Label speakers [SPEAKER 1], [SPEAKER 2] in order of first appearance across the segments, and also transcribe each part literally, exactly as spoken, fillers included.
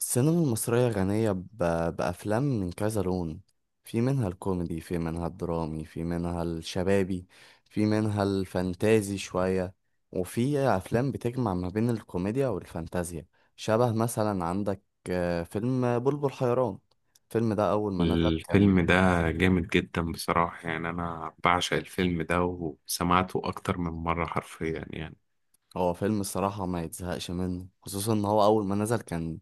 [SPEAKER 1] السينما المصرية غنية ب- بأفلام من كذا لون. في منها الكوميدي، في منها الدرامي، في منها الشبابي، في منها الفانتازي شوية. وفي أفلام بتجمع ما بين الكوميديا والفانتازيا، شبه مثلا عندك آه، فيلم بلبل حيران. الفيلم ده أول ما نزل كان.
[SPEAKER 2] الفيلم ده جامد جدا بصراحة، يعني أنا بعشق الفيلم ده وسمعته أكتر من مرة حرفيا يعني.
[SPEAKER 1] هو فيلم الصراحة ما يتزهقش منه، خصوصا ان هو اول ما نزل كان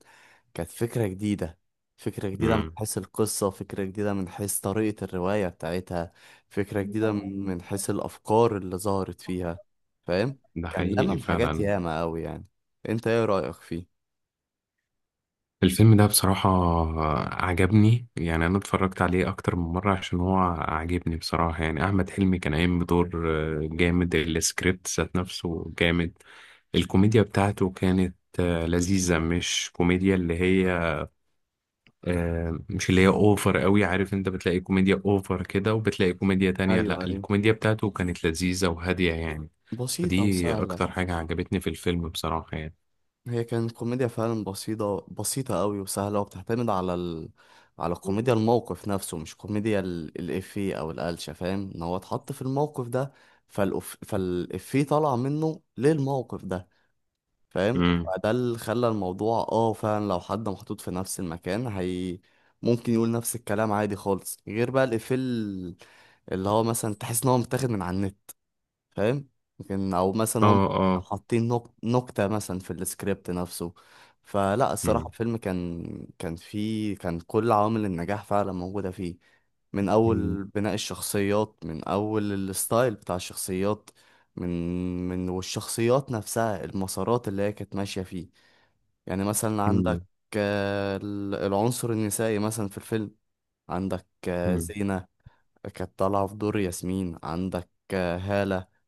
[SPEAKER 1] كانت فكرة جديدة. فكرة جديدة من
[SPEAKER 2] امم.
[SPEAKER 1] حيث القصة، فكرة جديدة من حيث طريقة الرواية بتاعتها، فكرة جديدة من من حيث الافكار اللي ظهرت فيها. فاهم؟
[SPEAKER 2] ده
[SPEAKER 1] كان
[SPEAKER 2] حقيقي
[SPEAKER 1] لمم حاجات
[SPEAKER 2] فعلا.
[SPEAKER 1] ياما قوي يعني. انت ايه رأيك فيه؟
[SPEAKER 2] الفيلم ده بصراحة عجبني، يعني أنا اتفرجت عليه أكتر من مرة عشان هو عجبني بصراحة يعني. أحمد حلمي كان قايم بدور آه، جامد. السكريبت ذات نفسه جامد. الكوميديا بتاعته كانت آه، لذيذة، مش كوميديا اللي هي آه، مش اللي هي اوفر قوي. عارف انت بتلاقي كوميديا اوفر كده وبتلاقي كوميديا تانية،
[SPEAKER 1] ايوه،
[SPEAKER 2] لا،
[SPEAKER 1] ايوه،
[SPEAKER 2] الكوميديا بتاعته كانت لذيذة وهادية يعني.
[SPEAKER 1] بسيطة
[SPEAKER 2] فدي
[SPEAKER 1] وسهلة.
[SPEAKER 2] اكتر حاجة عجبتني في الفيلم بصراحة يعني.
[SPEAKER 1] هي كانت كوميديا فعلا بسيطة بسيطة قوي وسهلة، وبتعتمد على ال... على كوميديا الموقف نفسه، مش كوميديا ال... الإفيه أو القلشة. فاهم إن هو اتحط في الموقف ده فالأف... فالإفيه طلع منه للموقف ده. فاهم؟
[SPEAKER 2] امم.
[SPEAKER 1] فده اللي خلى الموضوع، اه، فعلا لو حد محطوط في نفس المكان هي ممكن يقول نفس الكلام عادي خالص، غير بقى الإفيه ال- اللي هو مثلا تحس إن هو متاخد من على النت. فاهم؟ لكن او مثلا
[SPEAKER 2] اه،
[SPEAKER 1] هم
[SPEAKER 2] اه.
[SPEAKER 1] حاطين نق- نكتة مثلا في السكريبت نفسه. فلا الصراحة
[SPEAKER 2] امم.
[SPEAKER 1] الفيلم كان، كان فيه، كان كل عوامل النجاح فعلا موجودة فيه. من
[SPEAKER 2] امم.
[SPEAKER 1] أول بناء الشخصيات، من أول الستايل بتاع الشخصيات، من من والشخصيات نفسها، المسارات اللي هي كانت ماشية فيه. يعني مثلا عندك
[SPEAKER 2] امم.
[SPEAKER 1] آه، ال- العنصر النسائي مثلا في الفيلم. عندك آه،
[SPEAKER 2] أمم.
[SPEAKER 1] زينة كانت طالعة في دور ياسمين. عندك آه، هالة.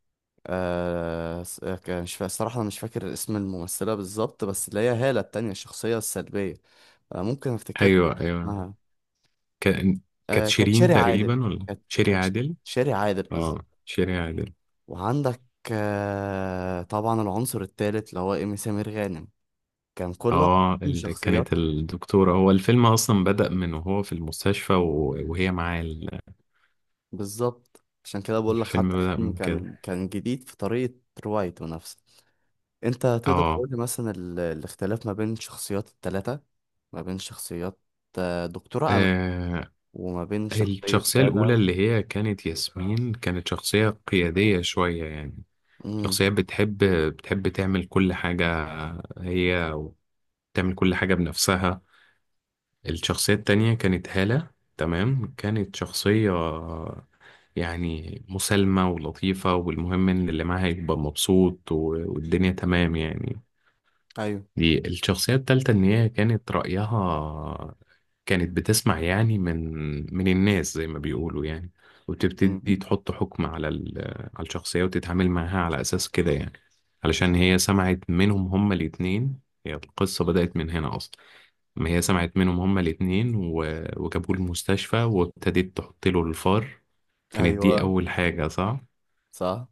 [SPEAKER 1] آه س- آه، ك- مش فا... الصراحة أنا مش فاكر اسم الممثلة بالظبط، بس اللي هي هالة التانية الشخصية السلبية. آه ممكن أفتكر لك
[SPEAKER 2] ايوه، ايوه.
[SPEAKER 1] اسمها.
[SPEAKER 2] كان. كانت
[SPEAKER 1] آه كانت
[SPEAKER 2] شيرين
[SPEAKER 1] شيري عادل.
[SPEAKER 2] تقريبا ولا
[SPEAKER 1] كانت
[SPEAKER 2] شيري
[SPEAKER 1] كانت
[SPEAKER 2] عادل؟
[SPEAKER 1] شيري عادل بالظبط.
[SPEAKER 2] اه، شيري عادل.
[SPEAKER 1] وعندك آه طبعا العنصر التالت اللي هو إيمي سمير غانم. كان كل واحد
[SPEAKER 2] اه،
[SPEAKER 1] فيهم
[SPEAKER 2] اللي كانت
[SPEAKER 1] شخصياتها.
[SPEAKER 2] الدكتورة. هو الفيلم اصلا بدأ من وهو في المستشفى و- وهي معاه ال-
[SPEAKER 1] بالظبط، عشان كده بقول لك
[SPEAKER 2] الفيلم
[SPEAKER 1] حتى
[SPEAKER 2] بدأ
[SPEAKER 1] الفيلم
[SPEAKER 2] من
[SPEAKER 1] كان
[SPEAKER 2] كده.
[SPEAKER 1] كان جديد في طريقة روايته نفسه. انت تقدر
[SPEAKER 2] اه.
[SPEAKER 1] تقول لي مثلا ال- الاختلاف ما بين شخصيات التلاتة، ما بين شخصيات آه، دكتورة أمل
[SPEAKER 2] آه،
[SPEAKER 1] وما بين شخصية
[SPEAKER 2] الشخصية
[SPEAKER 1] هالة
[SPEAKER 2] الأولى
[SPEAKER 1] و...
[SPEAKER 2] اللي هي كانت ياسمين، كانت شخصية قيادية شوية يعني.
[SPEAKER 1] مم.
[SPEAKER 2] شخصية بتحب بتحب تعمل كل حاجة هي، وتعمل كل حاجة بنفسها. الشخصية التانية كانت هالة، تمام، كانت شخصية يعني مسالمة ولطيفة، والمهم إن اللي معاها يبقى مبسوط و- والدنيا تمام يعني.
[SPEAKER 1] أيوه.
[SPEAKER 2] دي الشخصية التالتة إن هي كانت رأيها، كانت بتسمع يعني من من الناس زي ما بيقولوا يعني،
[SPEAKER 1] مم.
[SPEAKER 2] وتبتدي تحط حكم على ال... على الشخصية وتتعامل معاها على أساس كده يعني، علشان هي سمعت منهم هما الاتنين. هي القصة بدأت من هنا أصلا. ما هي سمعت منهم هما الاتنين و... وجابوه المستشفى وابتدت تحط له الفار. كانت دي
[SPEAKER 1] أيوه.
[SPEAKER 2] أول حاجة، صح؟
[SPEAKER 1] صح.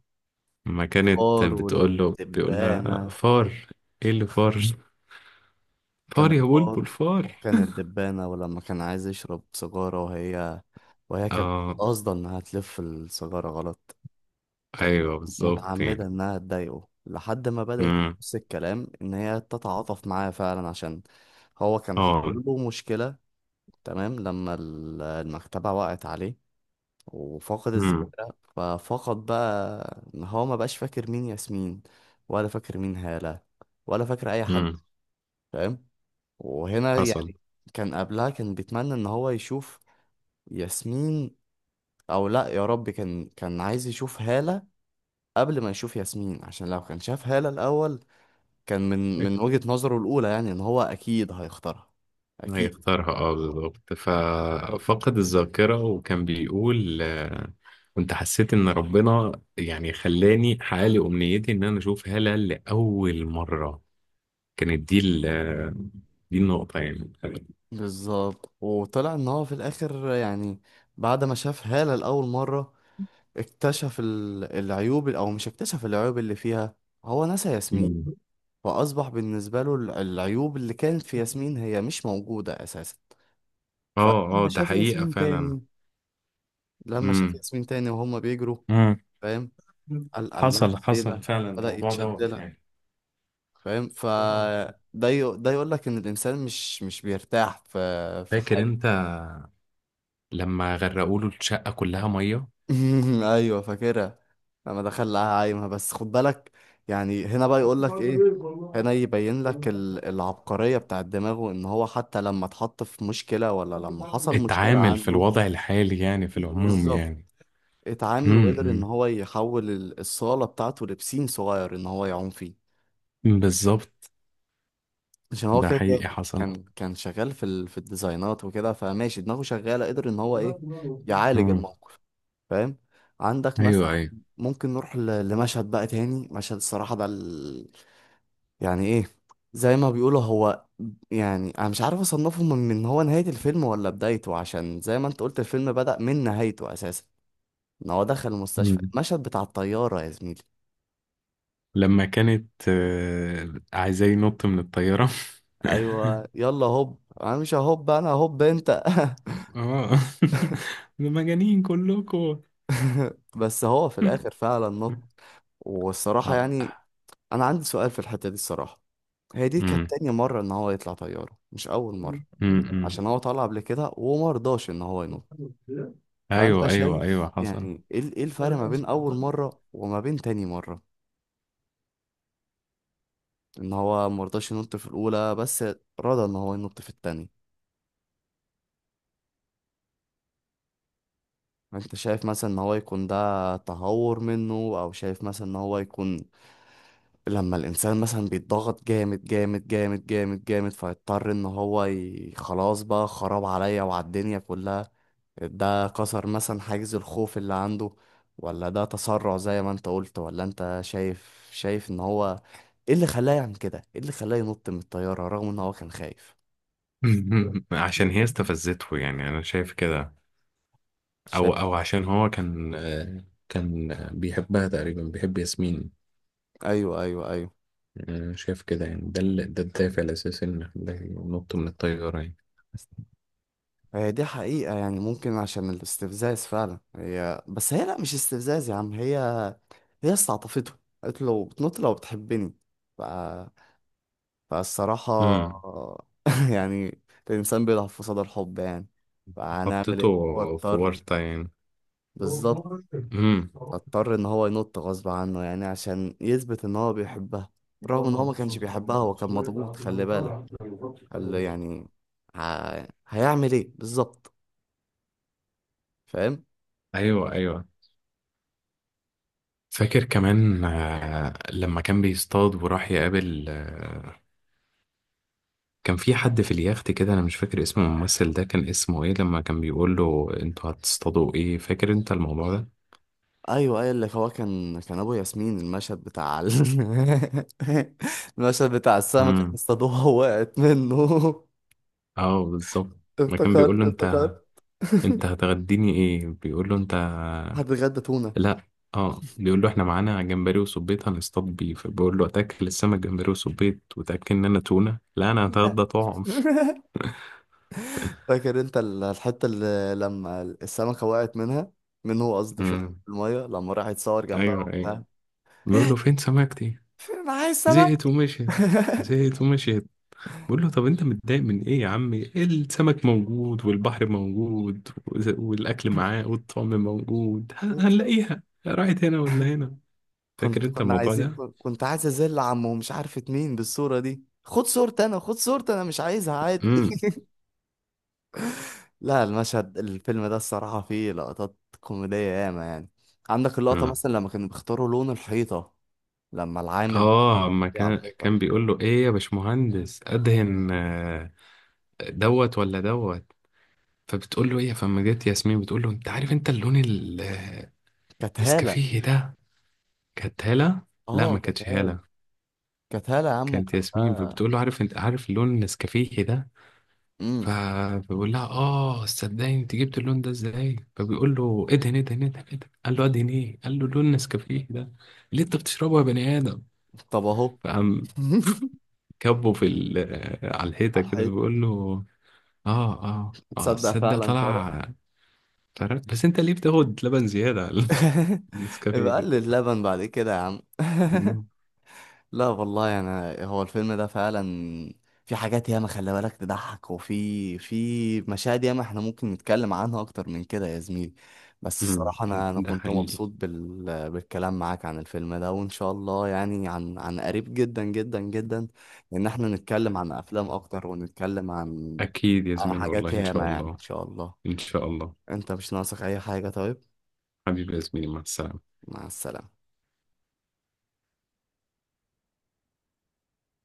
[SPEAKER 2] ما كانت
[SPEAKER 1] الفار
[SPEAKER 2] بتقول له، بيقول لها
[SPEAKER 1] والدبانة.
[SPEAKER 2] فار. إيه اللي فار؟
[SPEAKER 1] كان
[SPEAKER 2] فار يا
[SPEAKER 1] الفار
[SPEAKER 2] بلبل فار.
[SPEAKER 1] وكان الدبانة، ولما كان عايز يشرب سيجارة وهي وهي كانت
[SPEAKER 2] اه.
[SPEAKER 1] قاصدة إنها تلف السيجارة غلط. كانت
[SPEAKER 2] ايوه، بالظبط يعني.
[SPEAKER 1] متعمدة إنها تضايقه لحد ما بدأت
[SPEAKER 2] امم.
[SPEAKER 1] نفس الكلام إن هي تتعاطف معاه فعلا عشان هو كان حاطط
[SPEAKER 2] اه.
[SPEAKER 1] له مشكلة. تمام، لما ال- المكتبة وقعت عليه وفقد الذاكرة،
[SPEAKER 2] امم.
[SPEAKER 1] ففقد بقى إن هو ما بقاش فاكر مين ياسمين، ولا فاكر مين هالة، ولا فاكر أي حد.
[SPEAKER 2] امم.
[SPEAKER 1] فاهم؟ وهنا
[SPEAKER 2] حصل.
[SPEAKER 1] يعني كان قبلها كان بيتمنى إن هو يشوف ياسمين، أو لأ يا رب كان كان عايز يشوف هالة قبل ما يشوف ياسمين، عشان لو كان شاف هالة الأول كان من من وجهة نظره الأولى يعني إن هو أكيد هيختارها.
[SPEAKER 2] هي
[SPEAKER 1] أكيد.
[SPEAKER 2] اختارها، اه بالظبط،
[SPEAKER 1] بالظبط.
[SPEAKER 2] ففقد الذاكرة وكان بيقول آه، كنت حسيت ان ربنا يعني خلاني حقق امنيتي ان انا اشوف هالة لأول مرة. كانت دي ال آه، دي النقطة يعني.
[SPEAKER 1] بالظبط. وطلع إن هو في الآخر يعني بعد ما شاف هالة لأول مرة اكتشف ال- العيوب، أو مش اكتشف العيوب اللي فيها، هو نسى ياسمين.
[SPEAKER 2] مم.
[SPEAKER 1] فأصبح بالنسبة له ال- العيوب اللي كانت في ياسمين هي مش موجودة أساسا.
[SPEAKER 2] اه، اه،
[SPEAKER 1] فلما
[SPEAKER 2] ده
[SPEAKER 1] شاف
[SPEAKER 2] حقيقة
[SPEAKER 1] ياسمين
[SPEAKER 2] فعلا.
[SPEAKER 1] تاني، لما شاف
[SPEAKER 2] امم.
[SPEAKER 1] ياسمين تاني وهما بيجروا،
[SPEAKER 2] امم.
[SPEAKER 1] فاهم؟ قال
[SPEAKER 2] حصل،
[SPEAKER 1] الله إيه
[SPEAKER 2] حصل
[SPEAKER 1] ده؟
[SPEAKER 2] فعلا
[SPEAKER 1] بدأ
[SPEAKER 2] الموضوع
[SPEAKER 1] يتشد
[SPEAKER 2] دوت
[SPEAKER 1] لها.
[SPEAKER 2] يعني.
[SPEAKER 1] فاهم؟ ف ده يق- ده يقول لك ان الانسان مش مش بيرتاح في في
[SPEAKER 2] فاكر
[SPEAKER 1] حاجه.
[SPEAKER 2] انت لما غرقوا له الشقة كلها مية؟
[SPEAKER 1] ايوه فاكرها. لما دخل لها عايمه، بس خد بالك، يعني هنا بقى يقول لك ايه، هنا يبين لك ال- العبقريه بتاع دماغه، ان هو حتى لما اتحط في مشكله ولا لما حصل مشكله
[SPEAKER 2] اتعامل في
[SPEAKER 1] عنده،
[SPEAKER 2] الوضع الحالي يعني، في العموم
[SPEAKER 1] بالظبط،
[SPEAKER 2] يعني.
[SPEAKER 1] اتعامل وقدر ان
[SPEAKER 2] امم.
[SPEAKER 1] هو يحول ال- الصاله بتاعته لبسين صغير ان هو يعوم فيه.
[SPEAKER 2] بالظبط.
[SPEAKER 1] عشان هو
[SPEAKER 2] ده
[SPEAKER 1] كده كده
[SPEAKER 2] حقيقي حصل.
[SPEAKER 1] كان كان شغال في ال... في الديزاينات وكده، فماشي دماغه شغالة، قدر ان هو ايه، يعالج
[SPEAKER 2] مم.
[SPEAKER 1] الموقف. فاهم؟ عندك
[SPEAKER 2] ايوه،
[SPEAKER 1] مثلا،
[SPEAKER 2] ايوه.
[SPEAKER 1] ممكن نروح ل... لمشهد بقى تاني، مشهد الصراحة ده ال... يعني ايه، زي ما بيقولوا، هو يعني انا مش عارف اصنفه من من هو نهاية الفيلم ولا بدايته، عشان زي ما انت قلت الفيلم بدأ من نهايته اساسا، ان هو دخل المستشفى.
[SPEAKER 2] مم.
[SPEAKER 1] المشهد بتاع الطيارة يا زميلي،
[SPEAKER 2] لما كانت آه، عايزاه ينط من الطيارة.
[SPEAKER 1] ايوه، يلا هوب انا مش، هوب انا، هوب انت.
[SPEAKER 2] اه. ده مجانين كلكم.
[SPEAKER 1] بس هو في الاخر فعلا نط. والصراحة
[SPEAKER 2] ه-
[SPEAKER 1] يعني أنا عندي سؤال في الحتة دي. الصراحة هي دي كانت
[SPEAKER 2] مم.
[SPEAKER 1] تاني مرة إن هو يطلع طيارة، مش أول مرة،
[SPEAKER 2] مم. مم.
[SPEAKER 1] عشان هو طلع قبل كده ومرضاش إن هو ينط. فأنت
[SPEAKER 2] ايوه، ايوه،
[SPEAKER 1] شايف
[SPEAKER 2] ايوه، حصل.
[SPEAKER 1] يعني إيه ال- إيه الفرق ما بين أول مرة وما بين تاني مرة، إن هو مرضاش ينط في الأولى بس رضى إن هو ينط في التاني؟ أنت شايف مثلا إن هو يكون ده تهور منه، أو شايف مثلا إن هو يكون، لما الانسان مثلا بيتضغط جامد جامد جامد جامد جامد فيضطر ان هو ي... خلاص بقى خراب عليا وعلى الدنيا كلها، ده كسر مثلا حاجز الخوف اللي عنده؟ ولا ده تسرع زي ما انت قلت؟ ولا انت شايف شايف ان هو ايه اللي خلاه يعمل كده، ايه اللي خلاه ينط من الطيارة رغم ان هو كان خايف؟
[SPEAKER 2] عشان هي استفزته، يعني انا شايف كده. او
[SPEAKER 1] شايف.
[SPEAKER 2] او عشان هو كان آه، كان بيحبها تقريبا، بيحب ياسمين.
[SPEAKER 1] ايوه، ايوه، ايوه.
[SPEAKER 2] آه، شايف كده يعني، ده ال- ده الدافع الاساسي ان خلاه ينط من الطياره يعني.
[SPEAKER 1] هي دي حقيقة، يعني ممكن عشان الاستفزاز فعلا، هي بس هي لا مش استفزاز يا عم، هي هي استعطفته، قالت له لو بتنط لو بتحبني. ف... فالصراحة
[SPEAKER 2] امم.
[SPEAKER 1] آه، يعني الإنسان بيضعف في صدى الحب، يعني فهنعمل
[SPEAKER 2] حطيته
[SPEAKER 1] إيه، هو
[SPEAKER 2] في
[SPEAKER 1] اضطر.
[SPEAKER 2] ورطه يعني.
[SPEAKER 1] بالظبط،
[SPEAKER 2] امم.
[SPEAKER 1] اضطر إن هو ينط غصب عنه يعني عشان يثبت إن هو بيحبها، رغم إن هو ما كانش بيحبها، هو كان مضغوط، خلي بالك، قال له يعني ه... هيعمل إيه بالظبط؟ فاهم؟
[SPEAKER 2] ايوه، ايوه. فاكر كمان آه، لما كان بيصطاد وراح يقابل آه، كان في حد في اليخت كده، انا مش فاكر اسم الممثل ده كان اسمه ايه، لما كان بيقول له انتوا هتصطادوا ايه. فاكر انت الموضوع ده؟
[SPEAKER 1] ايوه، ايوه، اللي هو كان كان ابو ياسمين، المشهد بتاع ال... المشهد بتاع السمكه اللي
[SPEAKER 2] امم.
[SPEAKER 1] اصطادوها وقعت منه.
[SPEAKER 2] اه، بالظبط. ما كان بيقول
[SPEAKER 1] افتكرت،
[SPEAKER 2] له انت
[SPEAKER 1] افتكرت.
[SPEAKER 2] انت هتغديني ايه؟ بيقول له انت.
[SPEAKER 1] حد غدا تونه؟
[SPEAKER 2] لا. اه، بيقول له احنا معانا جمبري وصبيط هنصطاد بيه، فبيقول له اتاكل السمك جمبري وصبيط وتاكل ان انا تونه؟ لا، انا
[SPEAKER 1] لا.
[SPEAKER 2] هتغدى طعم.
[SPEAKER 1] فاكر انت ال- الحته اللي لما السمكه وقعت منها منه قصدي في
[SPEAKER 2] امم.
[SPEAKER 1] الميه، لما راح يتصور جنبها
[SPEAKER 2] ايوه، ايوه.
[SPEAKER 1] وبتاع؟
[SPEAKER 2] بيقول له فين سمكتي؟
[SPEAKER 1] فين معايا السمك.
[SPEAKER 2] زهقت ومشيت. زهقت ومشيت. بيقول له طب انت متضايق من ايه يا عمي، السمك موجود والبحر موجود وز- والاكل معاه والطعم موجود، هن- هنلاقيها، راحت هنا ولا هنا. فاكر
[SPEAKER 1] كنت،
[SPEAKER 2] انت
[SPEAKER 1] كنا
[SPEAKER 2] الموضوع
[SPEAKER 1] عايزين،
[SPEAKER 2] ده؟
[SPEAKER 1] كنت عايز ازل عمه ومش عارفه مين بالصوره دي، خد صورتي انا، خد صورتي انا، مش عايزها، عادي. لا، المشهد، الفيلم ده الصراحة فيه لقطات كوميدية ياما يعني. عندك اللقطة
[SPEAKER 2] امم.
[SPEAKER 1] مثلا لما كانوا بيختاروا لون الحيطة، لما العامل
[SPEAKER 2] اه، ما
[SPEAKER 1] ده على
[SPEAKER 2] كان
[SPEAKER 1] الحيطة.
[SPEAKER 2] كان بيقول له، ايه يا باشمهندس ادهن آه، دوت ولا دوت. فبتقول له ايه، فما جت ياسمين بتقول له انت عارف، انت اللون ال- آه،
[SPEAKER 1] كانت هالة،
[SPEAKER 2] النسكافيه ده. كانت هالة. لا،
[SPEAKER 1] اه
[SPEAKER 2] ما
[SPEAKER 1] كانت
[SPEAKER 2] كانتش
[SPEAKER 1] هالة،
[SPEAKER 2] هالة،
[SPEAKER 1] كانت هالة يا عم،
[SPEAKER 2] كانت
[SPEAKER 1] وكان
[SPEAKER 2] ياسمين.
[SPEAKER 1] آه.
[SPEAKER 2] فبتقول له عارف، انت عارف اللون النسكافيه ده؟
[SPEAKER 1] امم
[SPEAKER 2] فبيقول لها اه، صدقني انت جبت اللون ده ازاي؟ فبيقول له ادهن، ادهن، ادهن، ادهن. قال له ادهن ايه؟ قال له لون نسكافيه ده اللي انت بتشربه يا بني ادم.
[SPEAKER 1] طب اهو.
[SPEAKER 2] فقام كبه في ال- آه، على الحيطه
[SPEAKER 1] على
[SPEAKER 2] كده،
[SPEAKER 1] الحيط.
[SPEAKER 2] بيقول له اه، اه، اه،
[SPEAKER 1] تصدق
[SPEAKER 2] تصدق
[SPEAKER 1] فعلا فرق.
[SPEAKER 2] طلع. قررت، بس انت ليه بتاخد لبن زيادة على النسكافيه
[SPEAKER 1] يبقى
[SPEAKER 2] كده.
[SPEAKER 1] قلل اللبن بعد كده يا عم.
[SPEAKER 2] مم.
[SPEAKER 1] لا والله، انا هو الفيلم ده فعلا في حاجات ياما خلي بالك تضحك، وفي في مشاهد ياما احنا ممكن نتكلم عنها اكتر من كده يا زميلي. بس
[SPEAKER 2] مم.
[SPEAKER 1] الصراحة انا انا
[SPEAKER 2] ده
[SPEAKER 1] كنت
[SPEAKER 2] حقيقي.
[SPEAKER 1] مبسوط بال... بالكلام معاك عن الفيلم ده، وان شاء الله يعني عن عن قريب جدا جدا جدا ان احنا نتكلم عن افلام اكتر، ونتكلم عن
[SPEAKER 2] اكيد يا
[SPEAKER 1] عن
[SPEAKER 2] زميلي،
[SPEAKER 1] حاجات
[SPEAKER 2] والله ان شاء
[SPEAKER 1] ياما يعني، ان
[SPEAKER 2] الله.
[SPEAKER 1] شاء الله.
[SPEAKER 2] ان شاء الله.
[SPEAKER 1] انت مش ناقصك اي حاجة طيب؟
[SPEAKER 2] حبيبي يا زميلي، مع السلامة.
[SPEAKER 1] مع السلامة.